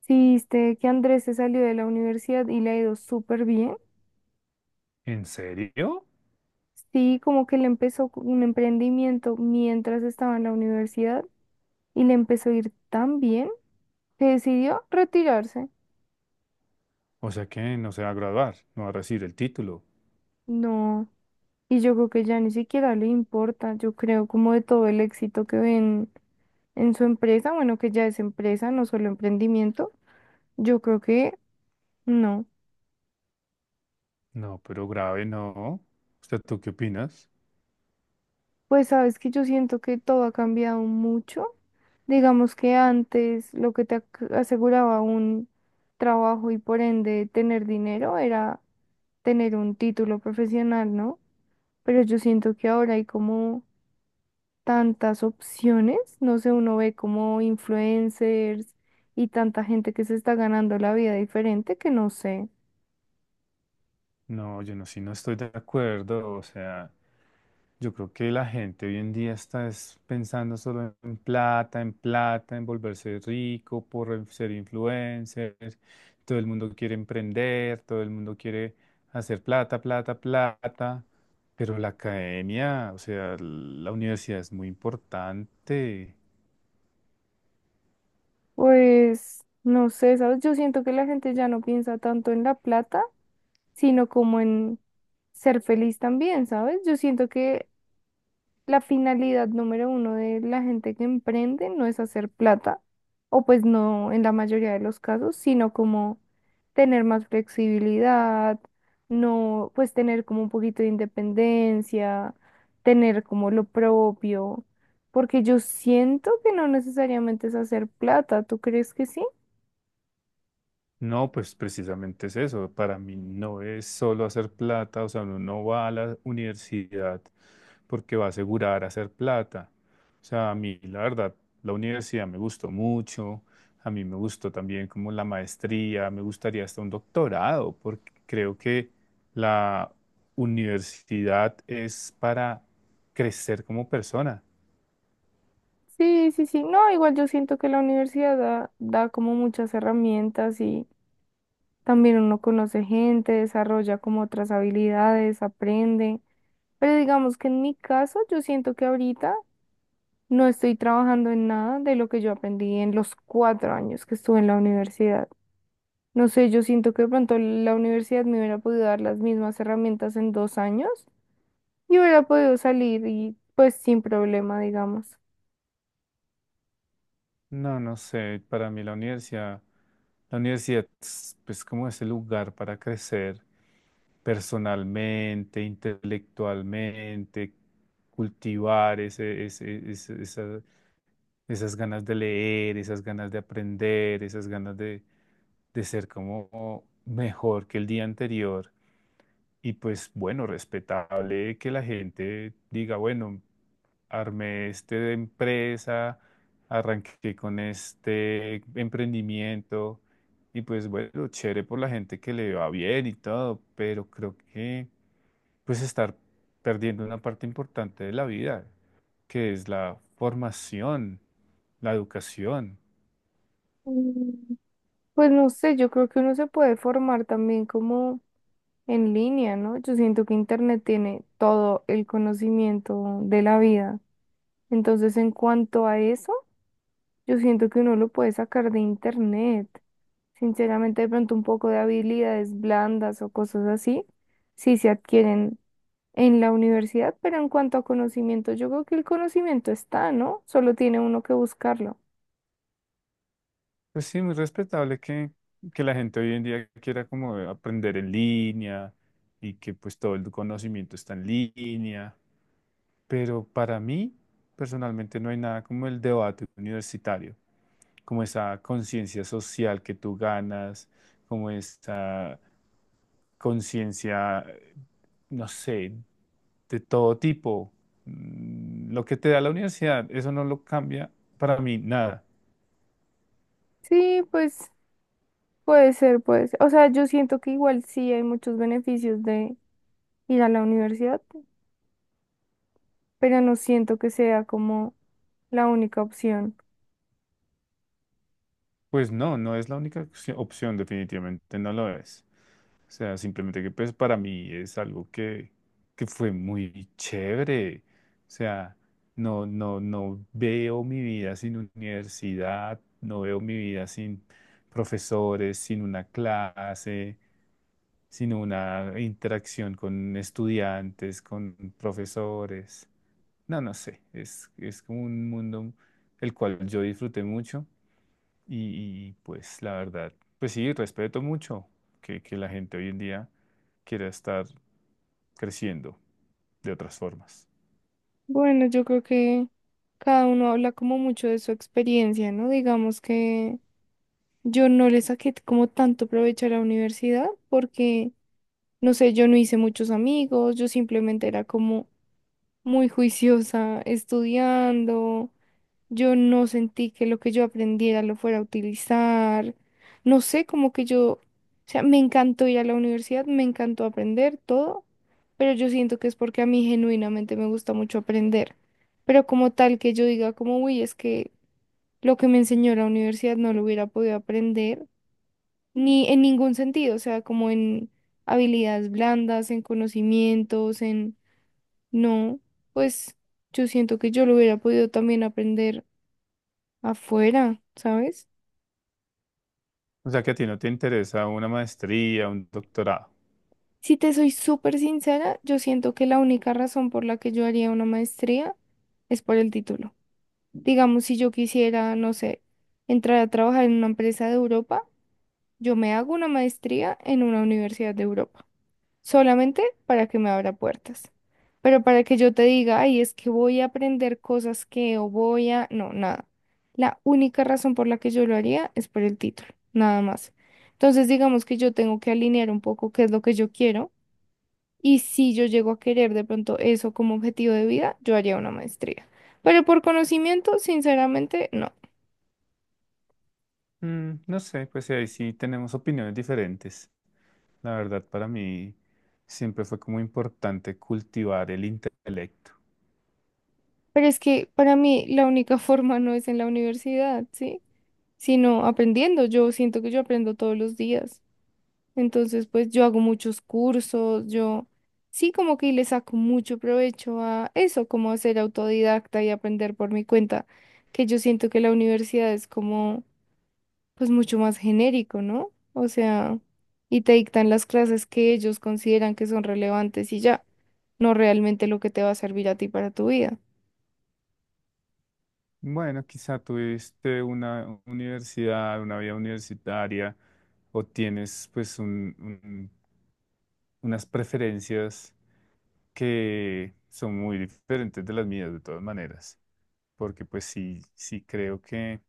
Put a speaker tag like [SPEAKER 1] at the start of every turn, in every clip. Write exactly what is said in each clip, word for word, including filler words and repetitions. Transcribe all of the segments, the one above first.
[SPEAKER 1] Sí, viste que Andrés se salió de la universidad y le ha ido súper bien.
[SPEAKER 2] ¿En serio?
[SPEAKER 1] Sí, como que le empezó con un emprendimiento mientras estaba en la universidad y le empezó a ir tan bien que decidió retirarse.
[SPEAKER 2] O sea que no se va a graduar, no va a recibir el título.
[SPEAKER 1] No, y yo creo que ya ni siquiera le importa, yo creo como de todo el éxito que ven en su empresa, bueno, que ya es empresa, no solo emprendimiento, yo creo que no.
[SPEAKER 2] No, pero grave no. ¿Usted tú qué opinas?
[SPEAKER 1] Pues sabes que yo siento que todo ha cambiado mucho. Digamos que antes lo que te ac- aseguraba un trabajo y por ende tener dinero era tener un título profesional, ¿no? Pero yo siento que ahora hay como tantas opciones, no sé, uno ve como influencers y tanta gente que se está ganando la vida diferente que no sé.
[SPEAKER 2] No, yo no, sí no estoy de acuerdo. O sea, yo creo que la gente hoy en día está es pensando solo en plata, en plata, en volverse rico, por en- ser influencer. Todo el mundo quiere emprender, todo el mundo quiere hacer plata, plata, plata. Pero la academia, o sea, la universidad es muy importante.
[SPEAKER 1] Pues no sé, ¿sabes? Yo siento que la gente ya no piensa tanto en la plata, sino como en ser feliz también, ¿sabes? Yo siento que la finalidad número uno de la gente que emprende no es hacer plata, o pues no en la mayoría de los casos, sino como tener más flexibilidad, no, pues tener como un poquito de independencia, tener como lo propio, porque yo siento que no necesariamente es hacer plata, ¿tú crees que sí?
[SPEAKER 2] No, pues precisamente es eso. Para mí no es solo hacer plata, o sea, uno no va a la universidad porque va a asegurar hacer plata. O sea, a mí, la verdad, la universidad me gustó mucho, a mí me gustó también como la maestría, me gustaría hasta un doctorado, porque creo que la universidad es para crecer como persona.
[SPEAKER 1] Sí, sí, sí, no, igual yo siento que la universidad da, da como muchas herramientas. Y también uno conoce gente, desarrolla como otras habilidades, aprende. Pero digamos que en mi caso, yo siento que ahorita no estoy trabajando en nada de lo que yo aprendí en los cuatro años que estuve en la universidad. No sé, yo siento que de pronto la universidad me hubiera podido dar las mismas herramientas en dos años y hubiera podido salir y pues sin problema, digamos.
[SPEAKER 2] No, no sé, para mí la universidad, la universidad es pues, como ese lugar para crecer personalmente, intelectualmente, cultivar ese, ese, ese- esa- esas ganas de leer, esas ganas de aprender, esas ganas de, de ser como mejor que el día anterior. Y pues bueno, respetable que la gente diga, bueno, armé esta empresa, arranqué con este emprendimiento y pues bueno, chévere por la gente que le va bien y todo, pero creo que pues estar perdiendo una parte importante de la vida que es la formación, la educación.
[SPEAKER 1] Mm, Pues no sé, yo creo que uno se puede formar también como en línea, ¿no? Yo siento que Internet tiene todo el conocimiento de la vida. Entonces, en cuanto a eso, yo siento que uno lo puede sacar de Internet. Sinceramente, de pronto un poco de habilidades blandas o cosas así, sí se adquieren en la universidad, pero en cuanto a conocimiento, yo creo que el conocimiento está, ¿no? Solo tiene uno que buscarlo.
[SPEAKER 2] Pues sí, muy respetable que, que la gente hoy en día quiera como aprender en línea y que pues todo el conocimiento está en línea, pero para mí personalmente no hay nada como el debate universitario. Como esa conciencia social que tú ganas, como esa conciencia, no sé, de todo tipo. Mm, lo que te da la universidad, eso no lo cambia para mí nada.
[SPEAKER 1] Sí, pues puede ser, pues. O sea, yo siento que igual sí hay muchos beneficios de ir a la universidad, pero no siento que sea como la única opción.
[SPEAKER 2] Pues no, no es la única opci- opción, definitivamente, no lo es. O sea, simplemente que pues para mí es algo que, que fue muy chévere. O sea, no, no, no veo mi vida sin universidad, no veo mi vida sin profesores, sin una clase, sin una interacción con estudiantes, con profesores. No, no sé, es, es como un mundo el cual yo disfruté mucho y, y, pues la verdad, pues sí, respeto mucho que, que la gente hoy en día quiera estar creciendo de otras formas.
[SPEAKER 1] Bueno, yo creo que cada uno habla como mucho de su experiencia, ¿no? Digamos que yo no le saqué como tanto provecho a la universidad porque, no sé, yo no hice muchos amigos, yo simplemente era como muy juiciosa estudiando. Yo no sentí que lo que yo aprendiera lo fuera a utilizar. No sé, como que yo, o sea, me encantó ir a la universidad, me encantó aprender todo, pero yo siento que es porque a mí genuinamente me gusta mucho aprender. Pero como tal que yo diga como, uy, es que lo que me enseñó la universidad no lo hubiera podido aprender, ni en ningún sentido, o sea, como en habilidades blandas, en conocimientos, en... No, pues yo siento que yo lo hubiera podido también aprender afuera, ¿sabes?
[SPEAKER 2] O sea que a ti no te interesa una maestría, un doctorado.
[SPEAKER 1] Si te soy súper sincera, yo siento que la única razón por la que yo haría una maestría es por el título. Digamos, si yo quisiera, no sé, entrar a trabajar en una empresa de Europa, yo me hago una maestría en una universidad de Europa, solamente para que me abra puertas. Pero para que yo te diga, ay, es que voy a aprender cosas que o voy a... No, nada. La única razón por la que yo lo haría es por el título, nada más. Entonces, digamos que yo tengo que alinear un poco qué es lo que yo quiero, y si yo llego a querer de pronto eso como objetivo de vida, yo haría una maestría. Pero por conocimiento, sinceramente, no.
[SPEAKER 2] Mm, no sé, pues ahí sí tenemos opiniones diferentes. La verdad, para mí siempre fue como importante cultivar el intelecto.
[SPEAKER 1] Pero es que para mí la única forma no es en la universidad, ¿sí? Sino aprendiendo. Yo siento que yo aprendo todos los días. Entonces, pues yo hago muchos cursos, yo sí como que le saco mucho provecho a eso, como a ser autodidacta y aprender por mi cuenta, que yo siento que la universidad es como, pues mucho más genérico, ¿no? O sea, y te dictan las clases que ellos consideran que son relevantes y ya, no realmente lo que te va a servir a ti para tu vida.
[SPEAKER 2] Bueno, quizá tuviste una universidad, una vida universitaria, o tienes pues un, un unas preferencias que son muy diferentes de las mías de todas maneras, porque pues sí, sí creo que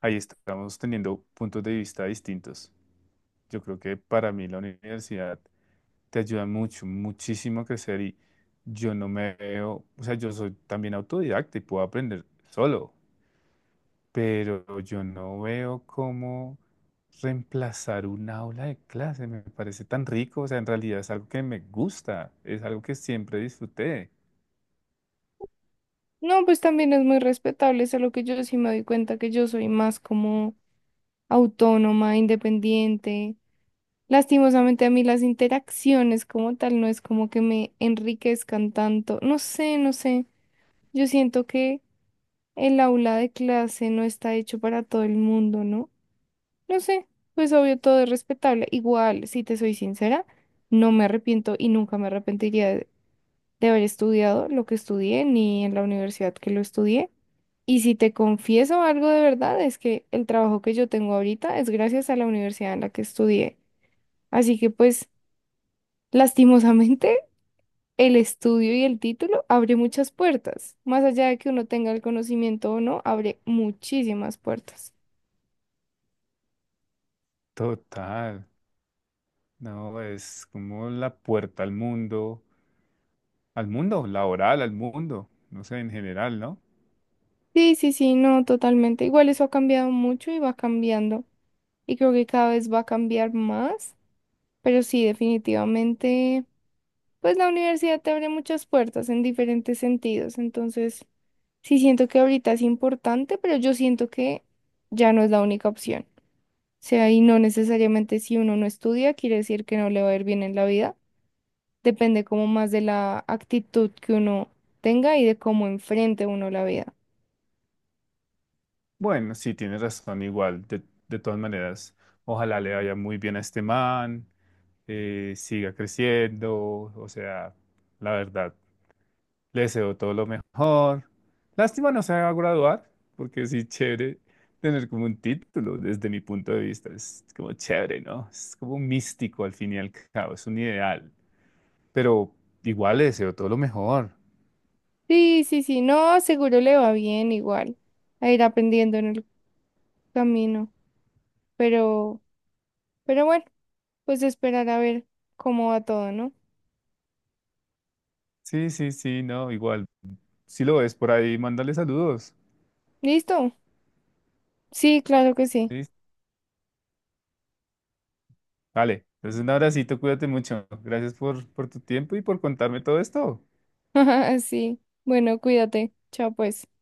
[SPEAKER 2] ahí estamos teniendo puntos de vista distintos. Yo creo que para mí la universidad te ayuda mucho, muchísimo a crecer y yo no me veo, o sea, yo soy también autodidacta y puedo aprender solo pero yo no veo cómo reemplazar un aula de clase. Me parece tan rico, o sea, en realidad es algo que me gusta, es algo que siempre disfruté.
[SPEAKER 1] No, pues también es muy respetable, solo que yo sí me doy cuenta que yo soy más como autónoma, independiente. Lastimosamente a mí las interacciones como tal no es como que me enriquezcan tanto. No sé, no sé. Yo siento que el aula de clase no está hecho para todo el mundo, ¿no? No sé, pues obvio todo es respetable. Igual, si te soy sincera, no me arrepiento y nunca me arrepentiría de, de haber estudiado lo que estudié ni en la universidad que lo estudié. Y si te confieso algo de verdad, es que el trabajo que yo tengo ahorita es gracias a la universidad en la que estudié. Así que pues... Lastimosamente, el estudio y el título abre muchas puertas. Más allá de que uno tenga el conocimiento o no, abre muchísimas puertas.
[SPEAKER 2] Total, no, es como la puerta al mundo, al mundo laboral, al mundo, no sé, en general, ¿no?
[SPEAKER 1] Sí, sí, sí, no, totalmente. Igual eso ha cambiado mucho y va cambiando. Y creo que cada vez va a cambiar más. Pero sí, definitivamente, pues la universidad te abre muchas puertas en diferentes sentidos. Entonces, sí siento que ahorita es importante, pero yo siento que ya no es la única opción. Sea, y no necesariamente si uno no estudia, quiere decir que no le va a ir bien en la vida. Depende como más de la actitud que uno tenga y de cómo enfrente uno la vida.
[SPEAKER 2] Bueno, sí, tienes razón, igual, de, de todas maneras, ojalá le vaya muy bien a este man, eh, siga creciendo, o sea, la verdad. Le deseo todo lo mejor. Lástima no se va a graduar, porque sí, chévere tener como un título desde mi punto de vista. Es como chévere, ¿no? Es como un místico al fin y al cabo, es un ideal. Pero igual le deseo todo lo mejor.
[SPEAKER 1] Sí, sí, sí, no, seguro le va bien, igual a ir aprendiendo en el camino, pero, pero bueno, pues esperar a ver cómo va todo, ¿no?
[SPEAKER 2] Sí, sí, sí, no, igual. Si lo ves por ahí, mándale saludos.
[SPEAKER 1] ¿Listo? Sí, claro que sí.
[SPEAKER 2] ¿Sí? Vale, entonces un abracito, cuídate mucho. Gracias por, por tu tiempo y por contarme todo esto.
[SPEAKER 1] Sí, bueno, cuídate. Chao, pues.